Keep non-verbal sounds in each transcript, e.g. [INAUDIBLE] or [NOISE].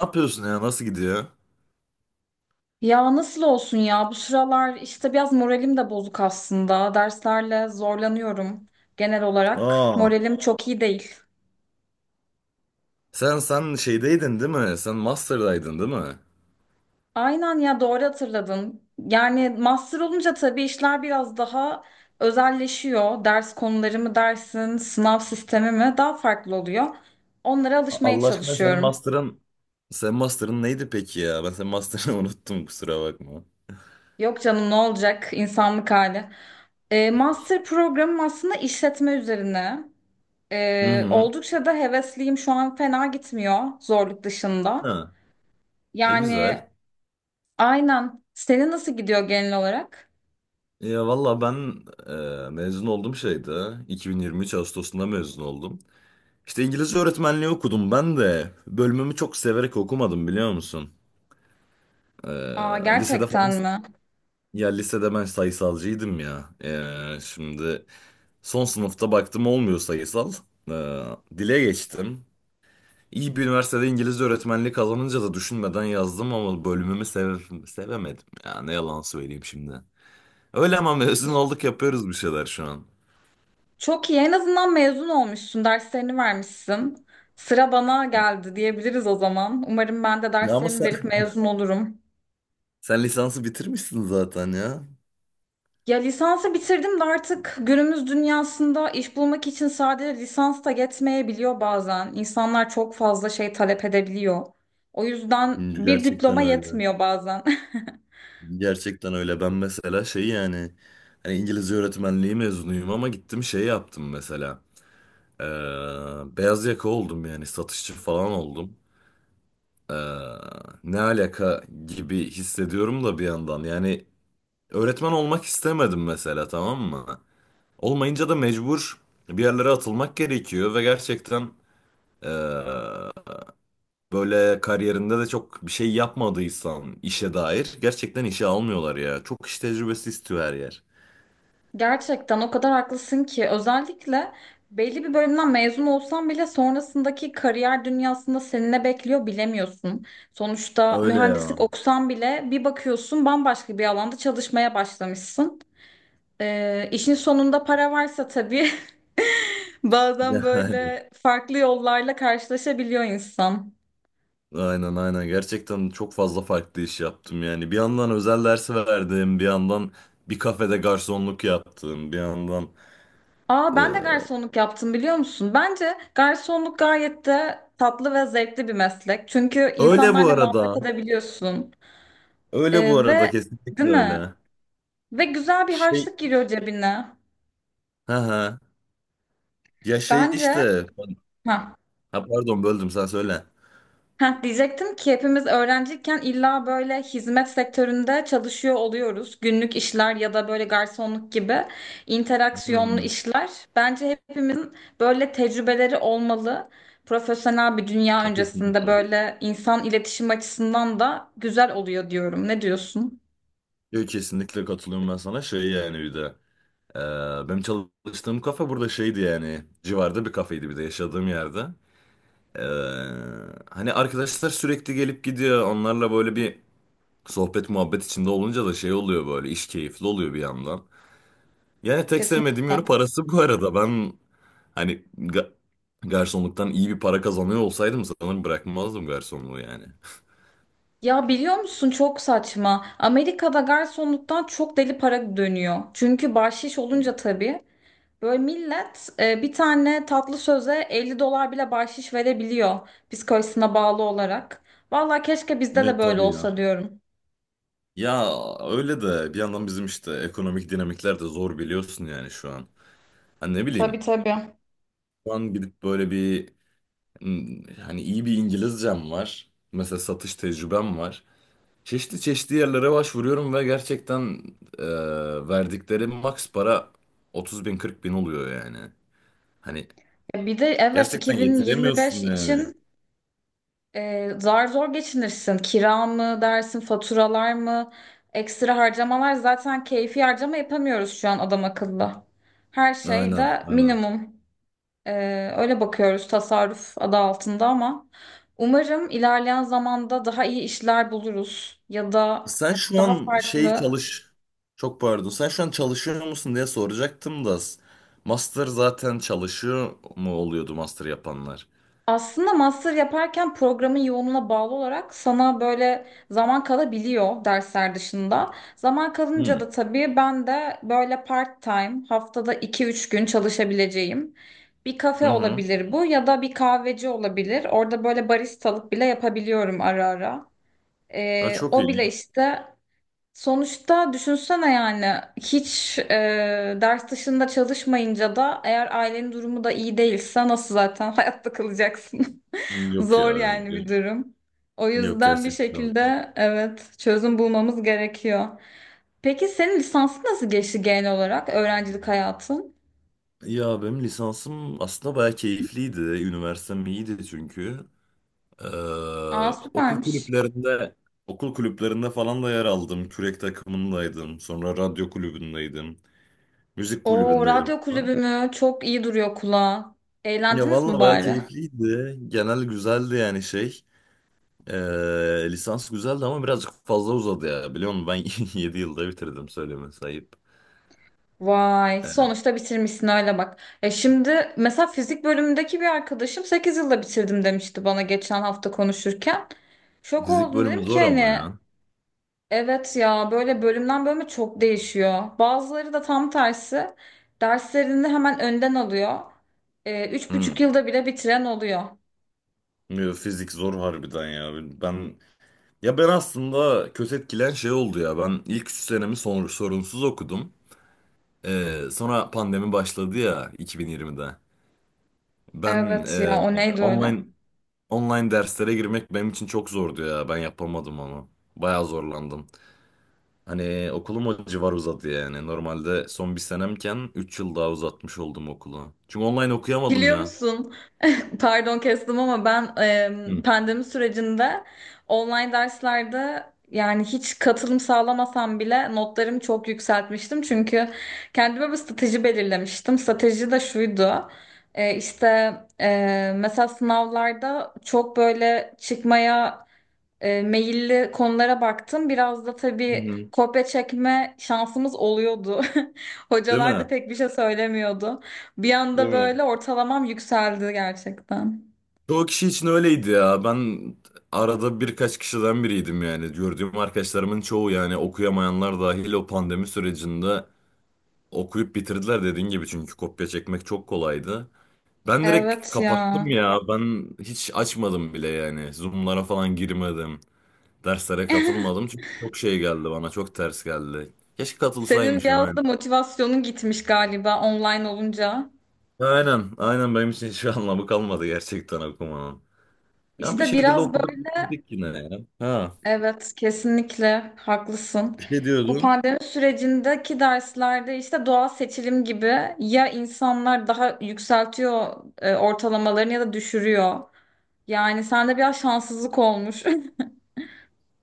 Ne yapıyorsun ya? Nasıl gidiyor? Ya nasıl olsun ya? Bu sıralar işte biraz moralim de bozuk aslında. Derslerle zorlanıyorum genel olarak. Aa, Moralim çok iyi değil. Sen şeydeydin değil mi? Sen master'daydın değil mi? Aynen ya doğru hatırladın. Yani master olunca tabii işler biraz daha özelleşiyor. Ders konuları mı dersin, sınav sistemi mi daha farklı oluyor. Onlara alışmaya Allah aşkına çalışıyorum. Sen master'ın neydi peki ya? Ben senin master'ını [LAUGHS] unuttum, kusura bakma. Yok canım ne olacak insanlık hali. Master programım aslında işletme üzerine. Hı Ee, hı. oldukça da hevesliyim. Şu an fena gitmiyor zorluk dışında. Ha. E Yani güzel. aynen. Senin nasıl gidiyor genel olarak? Ya valla ben mezun oldum şeyde. 2023 Ağustos'unda mezun oldum. İşte İngilizce öğretmenliği okudum ben de. Bölümümü çok severek okumadım, biliyor musun? Aa, E, lisede gerçekten falan mi? ya lisede ben sayısalcıydım ya. Şimdi son sınıfta baktım olmuyor sayısal. Ee, dile geçtim. İyi bir üniversitede İngilizce öğretmenliği kazanınca da düşünmeden yazdım ama bölümümü sevemedim. Ya ne yalan söyleyeyim şimdi. Öyle ama mezun olduk, yapıyoruz bir şeyler şu an. Çok iyi. En azından mezun olmuşsun. Derslerini vermişsin. Sıra bana geldi diyebiliriz o zaman. Umarım ben de Ya ama derslerimi sen, verip mezun olurum. sen lisansı bitirmişsin zaten ya. Ya lisansı bitirdim de artık günümüz dünyasında iş bulmak için sadece lisans da yetmeyebiliyor bazen. İnsanlar çok fazla şey talep edebiliyor. O yüzden bir Gerçekten diploma öyle. yetmiyor bazen. [LAUGHS] Gerçekten öyle. Ben mesela şey yani hani İngilizce öğretmenliği mezunuyum ama gittim şey yaptım mesela. Ee, beyaz yaka oldum, yani satışçı falan oldum. Ee, ne alaka gibi hissediyorum da bir yandan. Yani öğretmen olmak istemedim mesela, tamam mı? Olmayınca da mecbur bir yerlere atılmak gerekiyor ve gerçekten ee, böyle kariyerinde de çok bir şey yapmadıysan işe dair, gerçekten işe almıyorlar ya. Çok iş tecrübesi istiyor her yer. Gerçekten o kadar haklısın ki özellikle belli bir bölümden mezun olsan bile sonrasındaki kariyer dünyasında seni ne bekliyor bilemiyorsun. Sonuçta Öyle ya. mühendislik okusan bile bir bakıyorsun bambaşka bir alanda çalışmaya başlamışsın. İşin sonunda para varsa tabii [LAUGHS] bazen [LAUGHS] Yani. böyle farklı yollarla karşılaşabiliyor insan. Aynen, aynen, gerçekten çok fazla farklı iş yaptım yani. Bir yandan özel dersi verdim, bir yandan bir kafede garsonluk yaptım, bir yandan... Aa ben de garsonluk yaptım biliyor musun? Bence garsonluk gayet de tatlı ve zevkli bir meslek. Çünkü Öyle bu insanlarla muhabbet arada. edebiliyorsun. Öyle bu Ee, arada, ve kesinlikle değil mi? öyle. Ve güzel bir Şey, harçlık giriyor cebine. ha ha. Ya şey Bence işte. Heh. Ha pardon, böldüm, sen söyle. Diyecektim ki hepimiz öğrenciyken illa böyle hizmet sektöründe çalışıyor oluyoruz. Günlük işler ya da böyle garsonluk gibi Hı interaksiyonlu hı. işler. Bence hepimizin böyle tecrübeleri olmalı. Profesyonel bir dünya öncesinde Kesinlikle. böyle insan iletişim açısından da güzel oluyor diyorum. Ne diyorsun? Yok, kesinlikle katılıyorum ben sana. Şey yani bir de. Benim çalıştığım kafe burada şeydi yani. Civarda bir kafeydi, bir de yaşadığım yerde. E, hani arkadaşlar sürekli gelip gidiyor. Onlarla böyle bir sohbet muhabbet içinde olunca da şey oluyor böyle. İş keyifli oluyor bir yandan. Yani tek sevmediğim Kesinlikle. yönü parası bu arada. Ben, hani, garsonluktan iyi bir para kazanıyor olsaydım sanırım bırakmazdım garsonluğu yani. Ya biliyor musun çok saçma. Amerika'da garsonluktan çok deli para dönüyor. Çünkü bahşiş olunca tabii. Böyle millet bir tane tatlı söze 50 dolar bile bahşiş verebiliyor psikolojisine bağlı olarak. Vallahi keşke bizde de Evet, böyle tabii ya. olsa diyorum. Ya öyle de bir yandan bizim işte ekonomik dinamikler de zor, biliyorsun yani şu an. Hani ne Tabii bileyim tabii. şu an gidip böyle bir hani, iyi bir İngilizcem var. Mesela satış tecrübem var. Çeşitli çeşitli yerlere başvuruyorum ve gerçekten e, verdikleri maks para 30 bin 40 bin oluyor yani. Hani Bir de evet gerçekten yetiremiyorsun 2025 yani. için zar zor geçinirsin. Kira mı dersin, faturalar mı, ekstra harcamalar zaten keyfi harcama yapamıyoruz şu an adam akıllı. Her şey Aynen, de aynen. minimum. Öyle bakıyoruz tasarruf adı altında ama umarım ilerleyen zamanda daha iyi işler buluruz ya da Sen şu daha an şey farklı. çalış. Çok pardon. Sen şu an çalışıyor musun diye soracaktım da. Master zaten çalışıyor mu oluyordu, master yapanlar? Aslında master yaparken programın yoğunluğuna bağlı olarak sana böyle zaman kalabiliyor dersler dışında. Zaman kalınca Hmm. da tabii ben de böyle part time haftada iki üç gün çalışabileceğim bir Hı kafe hı. olabilir bu ya da bir kahveci olabilir. Orada böyle baristalık bile yapabiliyorum ara ara. Ha, Ee, çok o iyi. bile işte. Sonuçta düşünsene yani hiç ders dışında çalışmayınca da eğer ailenin durumu da iyi değilse nasıl zaten hayatta kalacaksın? [LAUGHS] Yok ya. Zor yani bir durum. O Yok yüzden bir gerçekten. şekilde evet çözüm bulmamız gerekiyor. Peki senin lisansın nasıl geçti genel olarak öğrencilik hayatın? Ya benim lisansım aslında bayağı keyifliydi. Üniversitem iyiydi çünkü. Ee, Aa okul süpermiş. kulüplerinde okul kulüplerinde falan da yer aldım. Kürek takımındaydım. Sonra radyo kulübündeydim. Müzik Oo kulübündeydim. radyo kulübü mü? Çok iyi duruyor kulağa. Ya Eğlendiniz mi vallahi bayağı bari? keyifliydi. Genel güzeldi yani şey. Lisans güzeldi ama birazcık fazla uzadı ya. Biliyor musun, ben [LAUGHS] 7 yılda bitirdim, söylemesi ayıp. Vay, Ee, sonuçta bitirmişsin hala bak. E şimdi mesela fizik bölümündeki bir arkadaşım 8 yılda bitirdim demişti bana geçen hafta konuşurken. Şok fizik oldum bölümü dedim ki zor ama hani ya. evet ya böyle bölümden bölüme çok değişiyor. Bazıları da tam tersi derslerini hemen önden alıyor. Üç Hı. buçuk yılda bile bitiren oluyor. Yo, fizik zor harbiden ya. Ben ben aslında kötü etkilen şey oldu ya. Ben ilk 3 senemi sorunsuz okudum. Sonra pandemi başladı ya 2020'de. Ben Evet ya o neydi öyle? online online derslere girmek benim için çok zordu ya. Ben yapamadım onu. Bayağı zorlandım. Hani okulum o civar uzadı yani. Normalde son bir senemken 3 yıl daha uzatmış oldum okulu. Çünkü online okuyamadım Biliyor ya. musun? [LAUGHS] Pardon kestim ama ben Hı. pandemi sürecinde online derslerde yani hiç katılım sağlamasam bile notlarımı çok yükseltmiştim. Çünkü kendime bir strateji belirlemiştim. Strateji de şuydu. E, işte e, mesela sınavlarda çok böyle çıkmaya meyilli konulara baktım. Biraz da Hı tabii hı. kopya çekme şansımız oluyordu. [LAUGHS] Değil Hocalar da mi? pek bir şey söylemiyordu. Bir Değil anda mi? böyle ortalamam yükseldi gerçekten. Çoğu kişi için öyleydi ya. Ben arada birkaç kişiden biriydim yani. Gördüğüm arkadaşlarımın çoğu, yani okuyamayanlar dahil, o pandemi sürecinde okuyup bitirdiler dediğin gibi. Çünkü kopya çekmek çok kolaydı. Ben direkt Evet kapattım ya. ya. Ben hiç açmadım bile yani. Zoom'lara falan girmedim. Derslere katılmadım çünkü çok şey geldi bana, çok ters geldi. Keşke Senin katılsaymışım, biraz aynen. da motivasyonun gitmiş galiba online olunca. Aynen, aynen, benim için hiçbir [LAUGHS] anlamı kalmadı gerçekten okumanın. Yani bir İşte şekilde biraz okuduk böyle. bitirdik yine ya. Ha, Evet, kesinlikle haklısın. bir şey Bu diyordun. pandemi sürecindeki derslerde işte doğal seçilim gibi ya insanlar daha yükseltiyor ortalamalarını ya da düşürüyor. Yani sende biraz şanssızlık olmuş.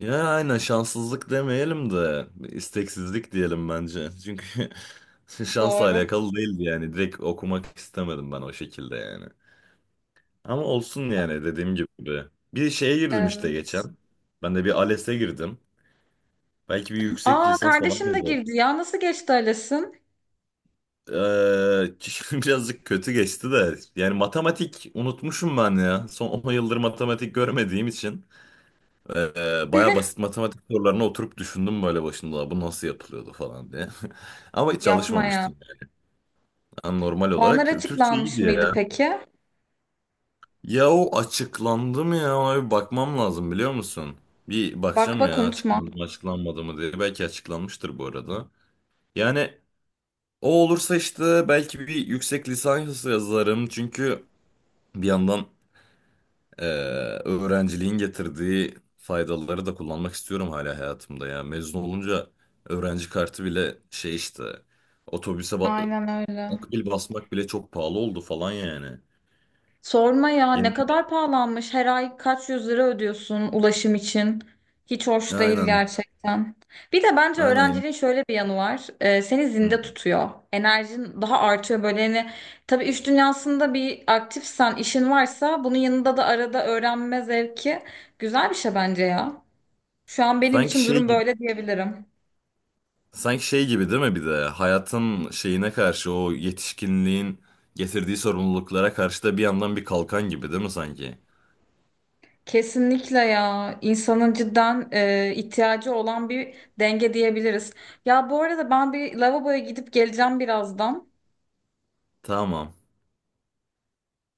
Ya aynen, şanssızlık demeyelim de bir isteksizlik diyelim bence. Çünkü [LAUGHS] [LAUGHS] şansla Doğru. alakalı değildi yani, direkt okumak istemedim ben o şekilde yani. Ama olsun yani, dediğim gibi. Bir şeye girdim işte Evet. geçen. Ben de bir ALES'e girdim. Belki bir yüksek Aa lisans falan kardeşim de yazarım. girdi ya. Nasıl geçti Ales'in? Eee, [LAUGHS] birazcık kötü geçti de, yani matematik unutmuşum ben ya, son 10 yıldır matematik görmediğim için baya basit matematik sorularına oturup düşündüm, böyle başında bu nasıl yapılıyordu falan diye. [LAUGHS] Ama hiç Yapmaya. çalışmamıştım yani, normal Puanlar olarak Türkçe açıklanmış iyiydi mıydı ya. peki? Ya o açıklandı mı, ya ona bir bakmam lazım, biliyor musun? Bir Bak bakacağım, bak ya unutma. açıklandı mı açıklanmadı mı diye. Belki açıklanmıştır bu arada. Yani o olursa işte belki bir yüksek lisans yazarım, çünkü bir yandan Ee, öğrenciliğin getirdiği faydaları da kullanmak istiyorum hala hayatımda ya. Mezun olunca öğrenci kartı bile şey işte, otobüse Aynen öyle. akbil basmak bile çok pahalı oldu falan yani. Sorma ya Yeni... ne kadar pahalanmış. Her ay kaç yüz lira ödüyorsun ulaşım için. Hiç hoş değil Aynen. gerçekten. Bir de bence Aynen ya. öğrenciliğin şöyle bir yanı var. Seni Hı. zinde tutuyor. Enerjin daha artıyor böyle. Yani, tabii iş dünyasında bir aktifsen, işin varsa bunun yanında da arada öğrenme zevki güzel bir şey bence ya. Şu an benim Sanki için şey durum gibi böyle diyebilirim. sanki şey gibi değil mi, bir de hayatın şeyine karşı, o yetişkinliğin getirdiği sorumluluklara karşı da bir yandan bir kalkan gibi değil mi sanki? Kesinlikle ya insanın cidden ihtiyacı olan bir denge diyebiliriz. Ya bu arada ben bir lavaboya gidip geleceğim birazdan. Tamam.